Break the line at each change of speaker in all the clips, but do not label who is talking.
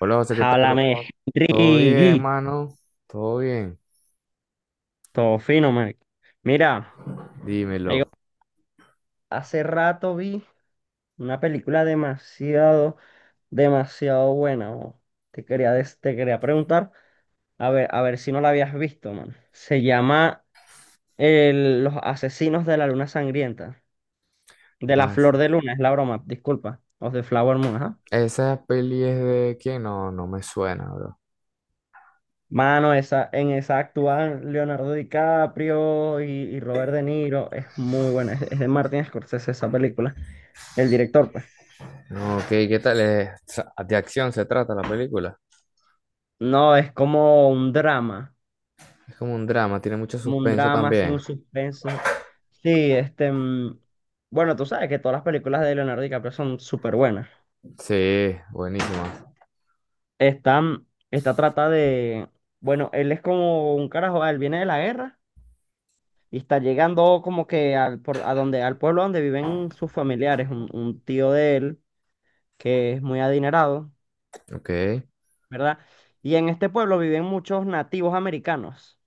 Hola José, ¿qué tal?
Háblame.
¿Todo bien,
Riguito,
mano? ¿Todo bien?
fino, marico. Mira,
Dímelo.
ahí- hace rato vi una película demasiado, demasiado buena. Mo. Te quería preguntar, a ver si no la habías visto, man. Se llama Los Asesinos de la Luna Sangrienta. De
Lo
la
hace.
Flor de Luna, es la broma, disculpa. Of the Flower Moon, ajá.
¿Esa peli es de quién? No, no me suena, bro.
Mano, esa, en esa actúan Leonardo DiCaprio y Robert De Niro. Es muy buena. Es de Martin Scorsese esa película. El director, pues.
No, ok, ¿qué tal? De acción se trata la película.
No, es como un drama,
Es como un drama, tiene mucho
como un
suspenso
drama, así
también.
un suspenso. Sí, este, bueno, tú sabes que todas las películas de Leonardo DiCaprio son súper buenas.
Sí, buenísima.
Esta, mm, esta trata de, bueno, él es como un carajo, él viene de la guerra y está llegando como que al pueblo donde viven sus familiares, un tío de él que es muy adinerado,
Ok.
¿verdad? Y en este pueblo viven muchos nativos americanos.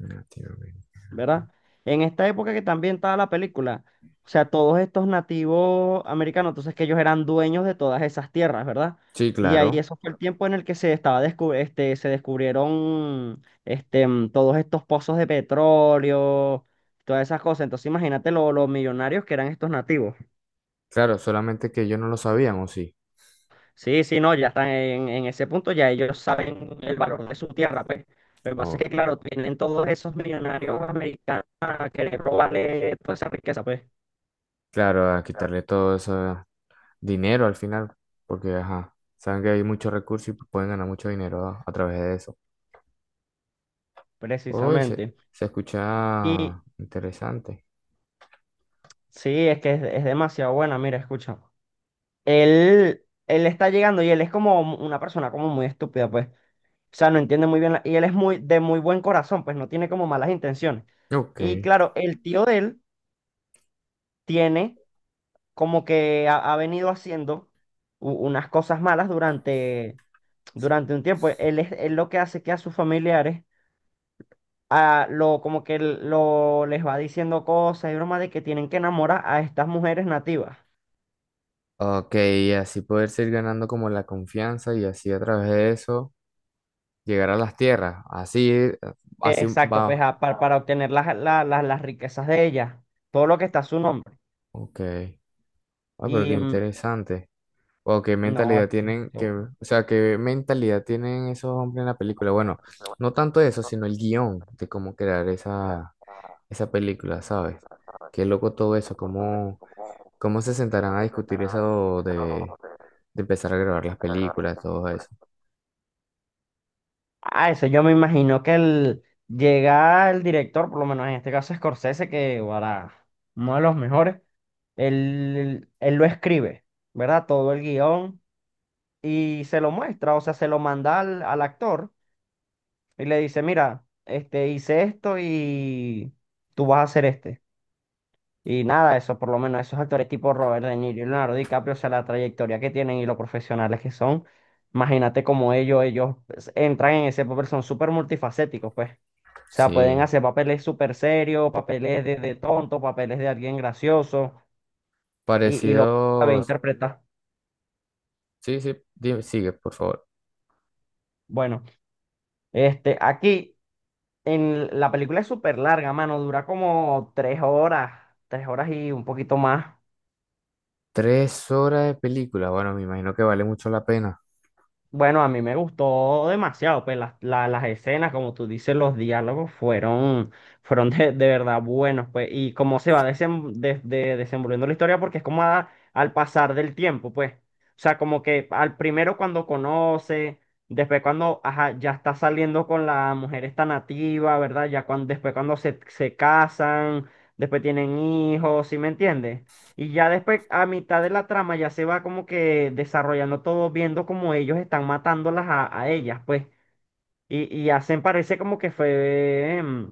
Latinoamérica.
¿Verdad? En esta época que también estaba la película, o sea, todos estos nativos americanos, entonces que ellos eran dueños de todas esas tierras, ¿verdad?
Sí,
Y ahí
claro.
eso fue el tiempo en el que se estaba se descubrieron todos estos pozos de petróleo, todas esas cosas. Entonces imagínate los millonarios que eran estos nativos.
Claro, solamente que yo no lo sabían, ¿o sí?
Sí, sí, no, ya están en ese punto, ya ellos saben el valor de su tierra, pues. Lo que pasa es
Oh,
que, claro, tienen todos esos millonarios americanos a querer robarle toda esa riqueza, pues.
claro, a quitarle todo eso, dinero al final, porque ajá, saben que hay muchos recursos y pueden ganar mucho dinero a través de eso. Uy, se,
Precisamente.
se
Y
escucha interesante.
sí, es que es demasiado buena. Mira, escucha. Él está llegando y él es como una persona como muy estúpida, pues. O sea, no entiende muy bien. Y él es muy de muy buen corazón, pues no tiene como malas intenciones.
Ok.
Y claro, el tío de él tiene como que ha venido haciendo unas cosas malas durante un tiempo. Él es él lo que hace que a sus familiares a lo como que lo les va diciendo cosas y bromas de que tienen que enamorar a estas mujeres nativas.
Ok, y así poder seguir ganando como la confianza y así a través de eso llegar a las tierras.
Eh,
Así
Exacto, pues
va.
para obtener las riquezas de ella, todo lo que está a su nombre.
Ok. Ah, pero qué
Y
interesante. O qué
no, es
mentalidad
que es
tienen, que,
demasiado bueno.
o sea, qué mentalidad tienen esos hombres en la película. Bueno, no tanto eso, sino el guión de cómo crear esa, película, ¿sabes? Qué loco todo eso, cómo se sentarán a discutir eso de empezar a grabar las películas, todo eso.
Ah, eso yo me imagino que llega el director, por lo menos en este caso Scorsese, que para uno de los mejores, él lo escribe, ¿verdad? Todo el guión y se lo muestra, o sea, se lo manda al actor y le dice, mira, este, hice esto y tú vas a hacer este. Y nada, eso por lo menos, esos actores tipo Robert De Niro y Leonardo DiCaprio, o sea, la trayectoria que tienen y lo profesionales que son, imagínate como ellos pues, entran en ese papel, son súper multifacéticos, pues. O sea, pueden
Sí,
hacer papeles súper serios, papeles de tonto, papeles de alguien gracioso, y lo sabe
parecidos.
interpretar.
Sí, sí, dime, sigue, por favor.
Bueno, este, aquí en la película es súper larga, mano, dura como 3 horas, 3 horas y un poquito más.
3 horas de película, bueno, me imagino que vale mucho la pena.
Bueno, a mí me gustó demasiado, pues las escenas, como tú dices, los diálogos fueron de verdad buenos, pues, y cómo se va desenvolviendo la historia, porque es como al pasar del tiempo, pues, o sea, como que al primero cuando conoce, después cuando, ajá, ya está saliendo con la mujer esta nativa, ¿verdad? Después cuando se casan, después tienen hijos, ¿sí me entiendes? Y ya después, a mitad de la trama, ya se va como que desarrollando todo, viendo como ellos están matándolas a ellas, pues. Y hacen, parece como que fue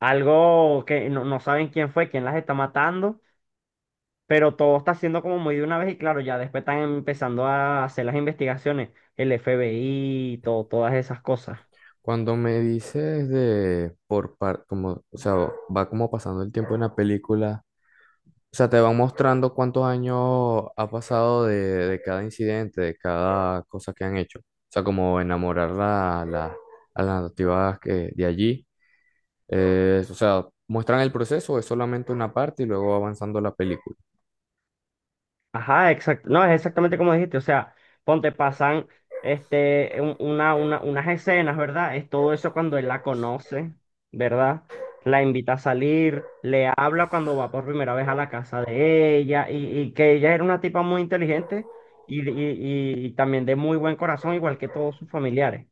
algo que no saben quién fue, quién las está matando, pero todo está siendo como muy de una vez y claro, ya después están empezando a hacer las investigaciones, el FBI, todo, todas esas cosas.
Cuando me dices de por par, como, o sea, va como pasando el tiempo en la película. O sea, te van mostrando cuántos años ha pasado de cada incidente, de cada cosa que han hecho. O sea, como enamorar a las nativas que, de allí. O sea, muestran el proceso, es solamente una parte y luego va avanzando la película.
Ajá, exacto. No, es exactamente como dijiste. O sea, ponte, pasan este, unas escenas, ¿verdad? Es todo eso cuando él la conoce, ¿verdad? La invita a salir, le habla cuando va por primera vez a la casa de ella y que ella era una tipa muy inteligente y también de muy buen corazón, igual que todos sus familiares.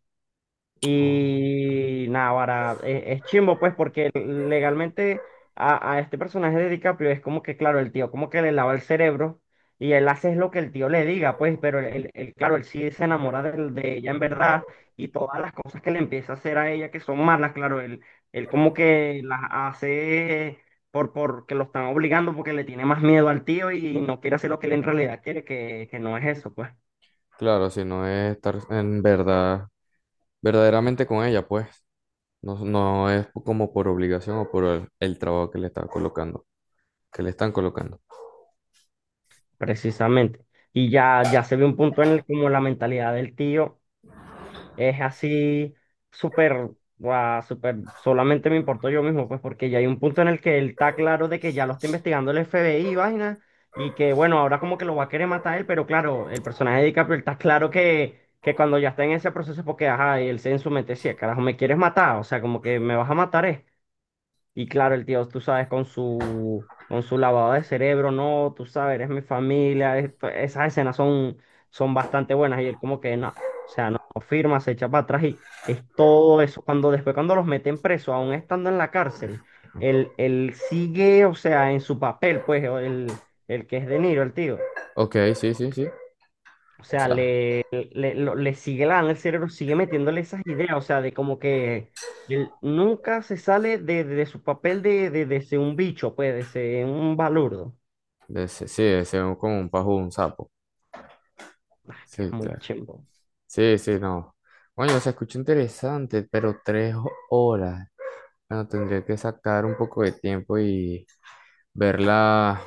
Oh,
Y nada, ahora es, chimbo, pues, porque legalmente a este personaje de DiCaprio es como que, claro, el tío como que le lava el cerebro y él hace es lo que el tío le diga, pues, pero claro, él sí se enamora de ella en verdad y todas las cosas que le empieza a hacer a ella que son malas, claro, él como que las hace porque lo están obligando, porque le tiene más miedo al tío y no quiere hacer lo que él en realidad quiere, que no es eso, pues.
claro, si no es estar en verdad, verdaderamente con ella, pues. No, no es como por obligación o por el trabajo que le está colocando, que le están colocando.
Precisamente. Y ya se ve un punto en el como la mentalidad del tío es así súper, guau, súper, solamente me importo yo mismo, pues porque ya hay un punto en el que él está claro de que ya lo está investigando el FBI y vaina, y que bueno, ahora como que lo va a querer matar él, pero claro, el personaje de DiCaprio está claro que cuando ya está en ese proceso, es porque ajá, y él se en su mente decía, carajo, me quieres matar, o sea, como que me vas a matar. Y claro, el tío, tú sabes, con su lavado de cerebro, no, tú sabes, eres mi familia. Pues, esas escenas son bastante buenas. Y él como que no, o sea, no firma, se echa para atrás y es todo eso. Cuando Después cuando los meten preso, aún estando en la cárcel, él sigue, o sea, en su papel, pues, o el que es De Niro, el tío.
Ok, sí, sí, sí.
O
O
sea,
sea,
le sigue lavando el cerebro, sigue metiéndole esas ideas, o sea, de como que él nunca se sale de su papel de ser un bicho, pues, de ser un balurdo.
sí, sí, es como un pajo, un sapo.
Ah, que es
Sí,
muy
claro.
chimbo.
Sí, sí, no. Bueno, se escucha interesante, pero tres horas. Bueno, tendría que sacar un poco de tiempo y verla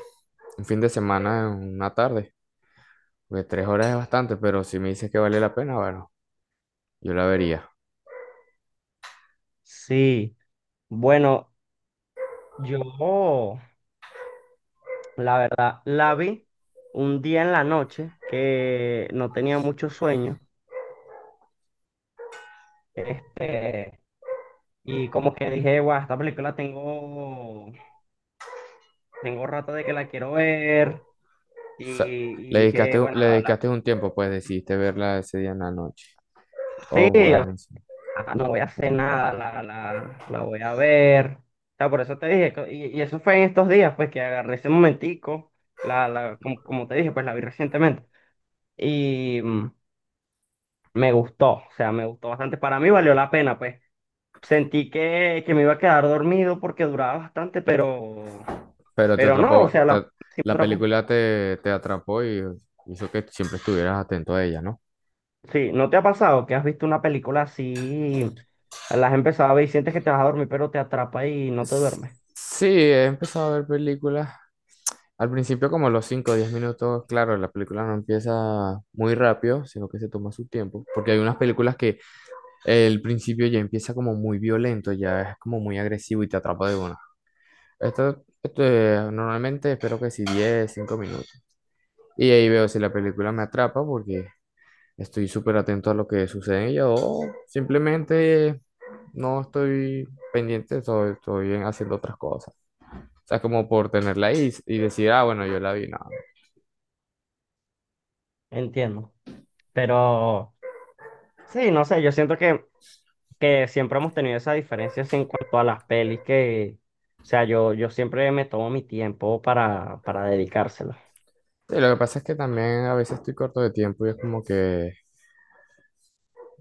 un fin de semana, en una tarde. Porque 3 horas es bastante, pero si me dices que vale la pena, bueno, yo la vería.
Sí, bueno, yo, la verdad, la vi un día en la noche que no tenía mucho sueño, este, y como que dije, guau, esta película tengo rato de que la quiero ver. Y,
O sea,
y
le
dije,
dedicaste,
bueno,
le dedicaste un tiempo, pues decidiste verla ese día en la noche.
sí,
Oh,
o sea,
bueno.
no voy a hacer nada, la voy a ver. O sea, por eso te dije, y eso fue en estos días, pues que agarré ese momentico, como te dije, pues la vi recientemente. Y me gustó, o sea, me gustó bastante. Para mí valió la pena, pues. Sentí que me iba a quedar dormido porque duraba bastante, pero,
Pero te
pero no, o
atrapó,
sea, sí, me
la
atrapó.
película te atrapó y hizo que siempre estuvieras atento a ella, ¿no?
Sí, ¿no te ha pasado que has visto una película así, la has empezado a ver y sientes que te vas a dormir, pero te atrapa y no te
S-
duermes?
Sí, he empezado a ver películas. Al principio, como los 5, o 10 minutos, claro, la película no empieza muy rápido, sino que se toma su tiempo, porque hay unas películas que el principio ya empieza como muy violento, ya es como muy agresivo y te atrapa de una. Normalmente espero que sí 10, 5 minutos. Y ahí veo si la película me atrapa porque estoy súper atento a lo que sucede en ella o simplemente no estoy pendiente, estoy haciendo otras cosas. O sea, como por tenerla ahí y, decir, ah, bueno, yo la vi, no.
Entiendo. Pero sí, no sé, yo siento que siempre hemos tenido esa diferencia así en cuanto a las pelis que, o sea, yo siempre me tomo mi tiempo para dedicárselo.
Sí, lo que pasa es que también a veces estoy corto de tiempo y es como que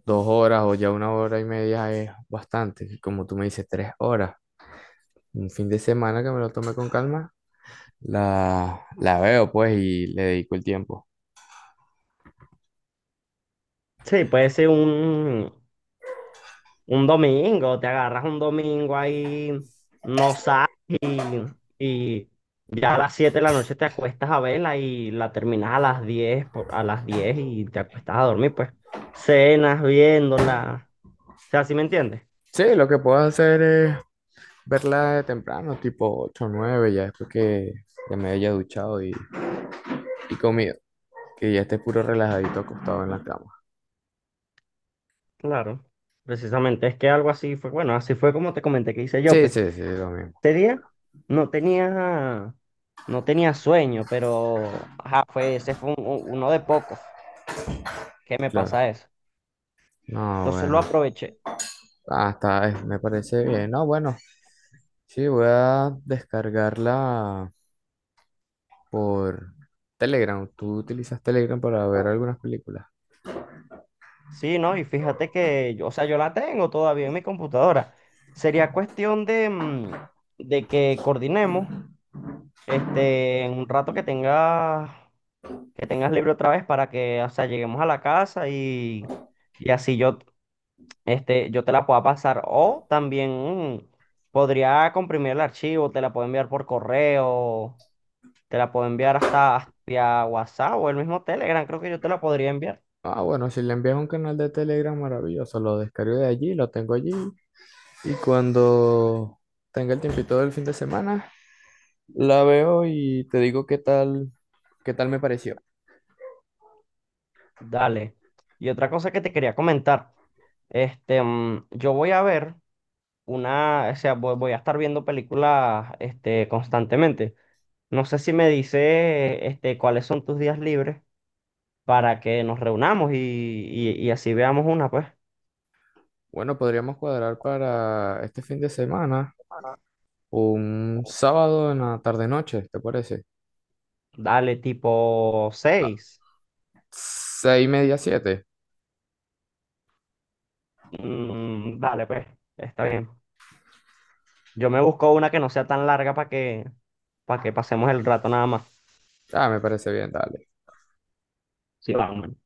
2 horas o ya 1 hora y media es bastante. Y como tú me dices, 3 horas. Un fin de semana que me lo tome con calma, la veo pues y le dedico el tiempo.
Sí, puede ser un domingo, te agarras un domingo ahí, no sales y, y ya a las 7 de la noche te acuestas a verla y la terminas a las diez y te acuestas a dormir, pues. Cenas viéndola, o sea, ¿sí me entiendes?
Sí, lo que puedo hacer es verla de temprano, tipo 8 o 9, ya después que ya me haya duchado y comido, que ya esté puro relajadito acostado en la cama.
Claro, precisamente, es que algo así fue, bueno, así fue como te comenté que hice yo,
Sí,
pues,
sí, sí, lo mismo,
ese día no tenía, no tenía sueño, pero, ajá, ese fue uno de pocos que me
claro.
pasa eso.
No,
Entonces lo
bueno,
aproveché.
ah, está, me parece bien. No, bueno, sí, voy a descargarla por Telegram. ¿Tú utilizas Telegram para ver algunas películas?
Sí, ¿no? Y fíjate que, yo, o sea, yo la tengo todavía en mi computadora. Sería cuestión de que coordinemos, este, en un rato que tengas, libre otra vez para que, o sea, lleguemos a la casa y... Y así yo te la pueda pasar. O también mm, podría comprimir el archivo, te la puedo enviar por correo, te la puedo enviar hasta vía WhatsApp o el mismo Telegram, creo que yo te la podría enviar.
Ah, bueno, si le envías un canal de Telegram, maravilloso. Lo descargo de allí, lo tengo allí. Y cuando tenga el tiempito del fin de semana, la veo y te digo qué tal me pareció.
Dale. Y otra cosa que te quería comentar, este, yo voy a ver una, o sea, voy a estar viendo películas, este, constantemente. No sé si me dice, este, cuáles son tus días libres para que nos reunamos y así veamos una, pues.
Bueno, podríamos cuadrar para este fin de semana un sábado en la tarde-noche, ¿te parece?
Dale, tipo
Ah,
6,
6:30, siete.
Dale, pues, está bien. Yo me busco una que no sea tan larga para que pasemos el rato nada más.
Ah, me parece bien, dale.
Sí, vamos.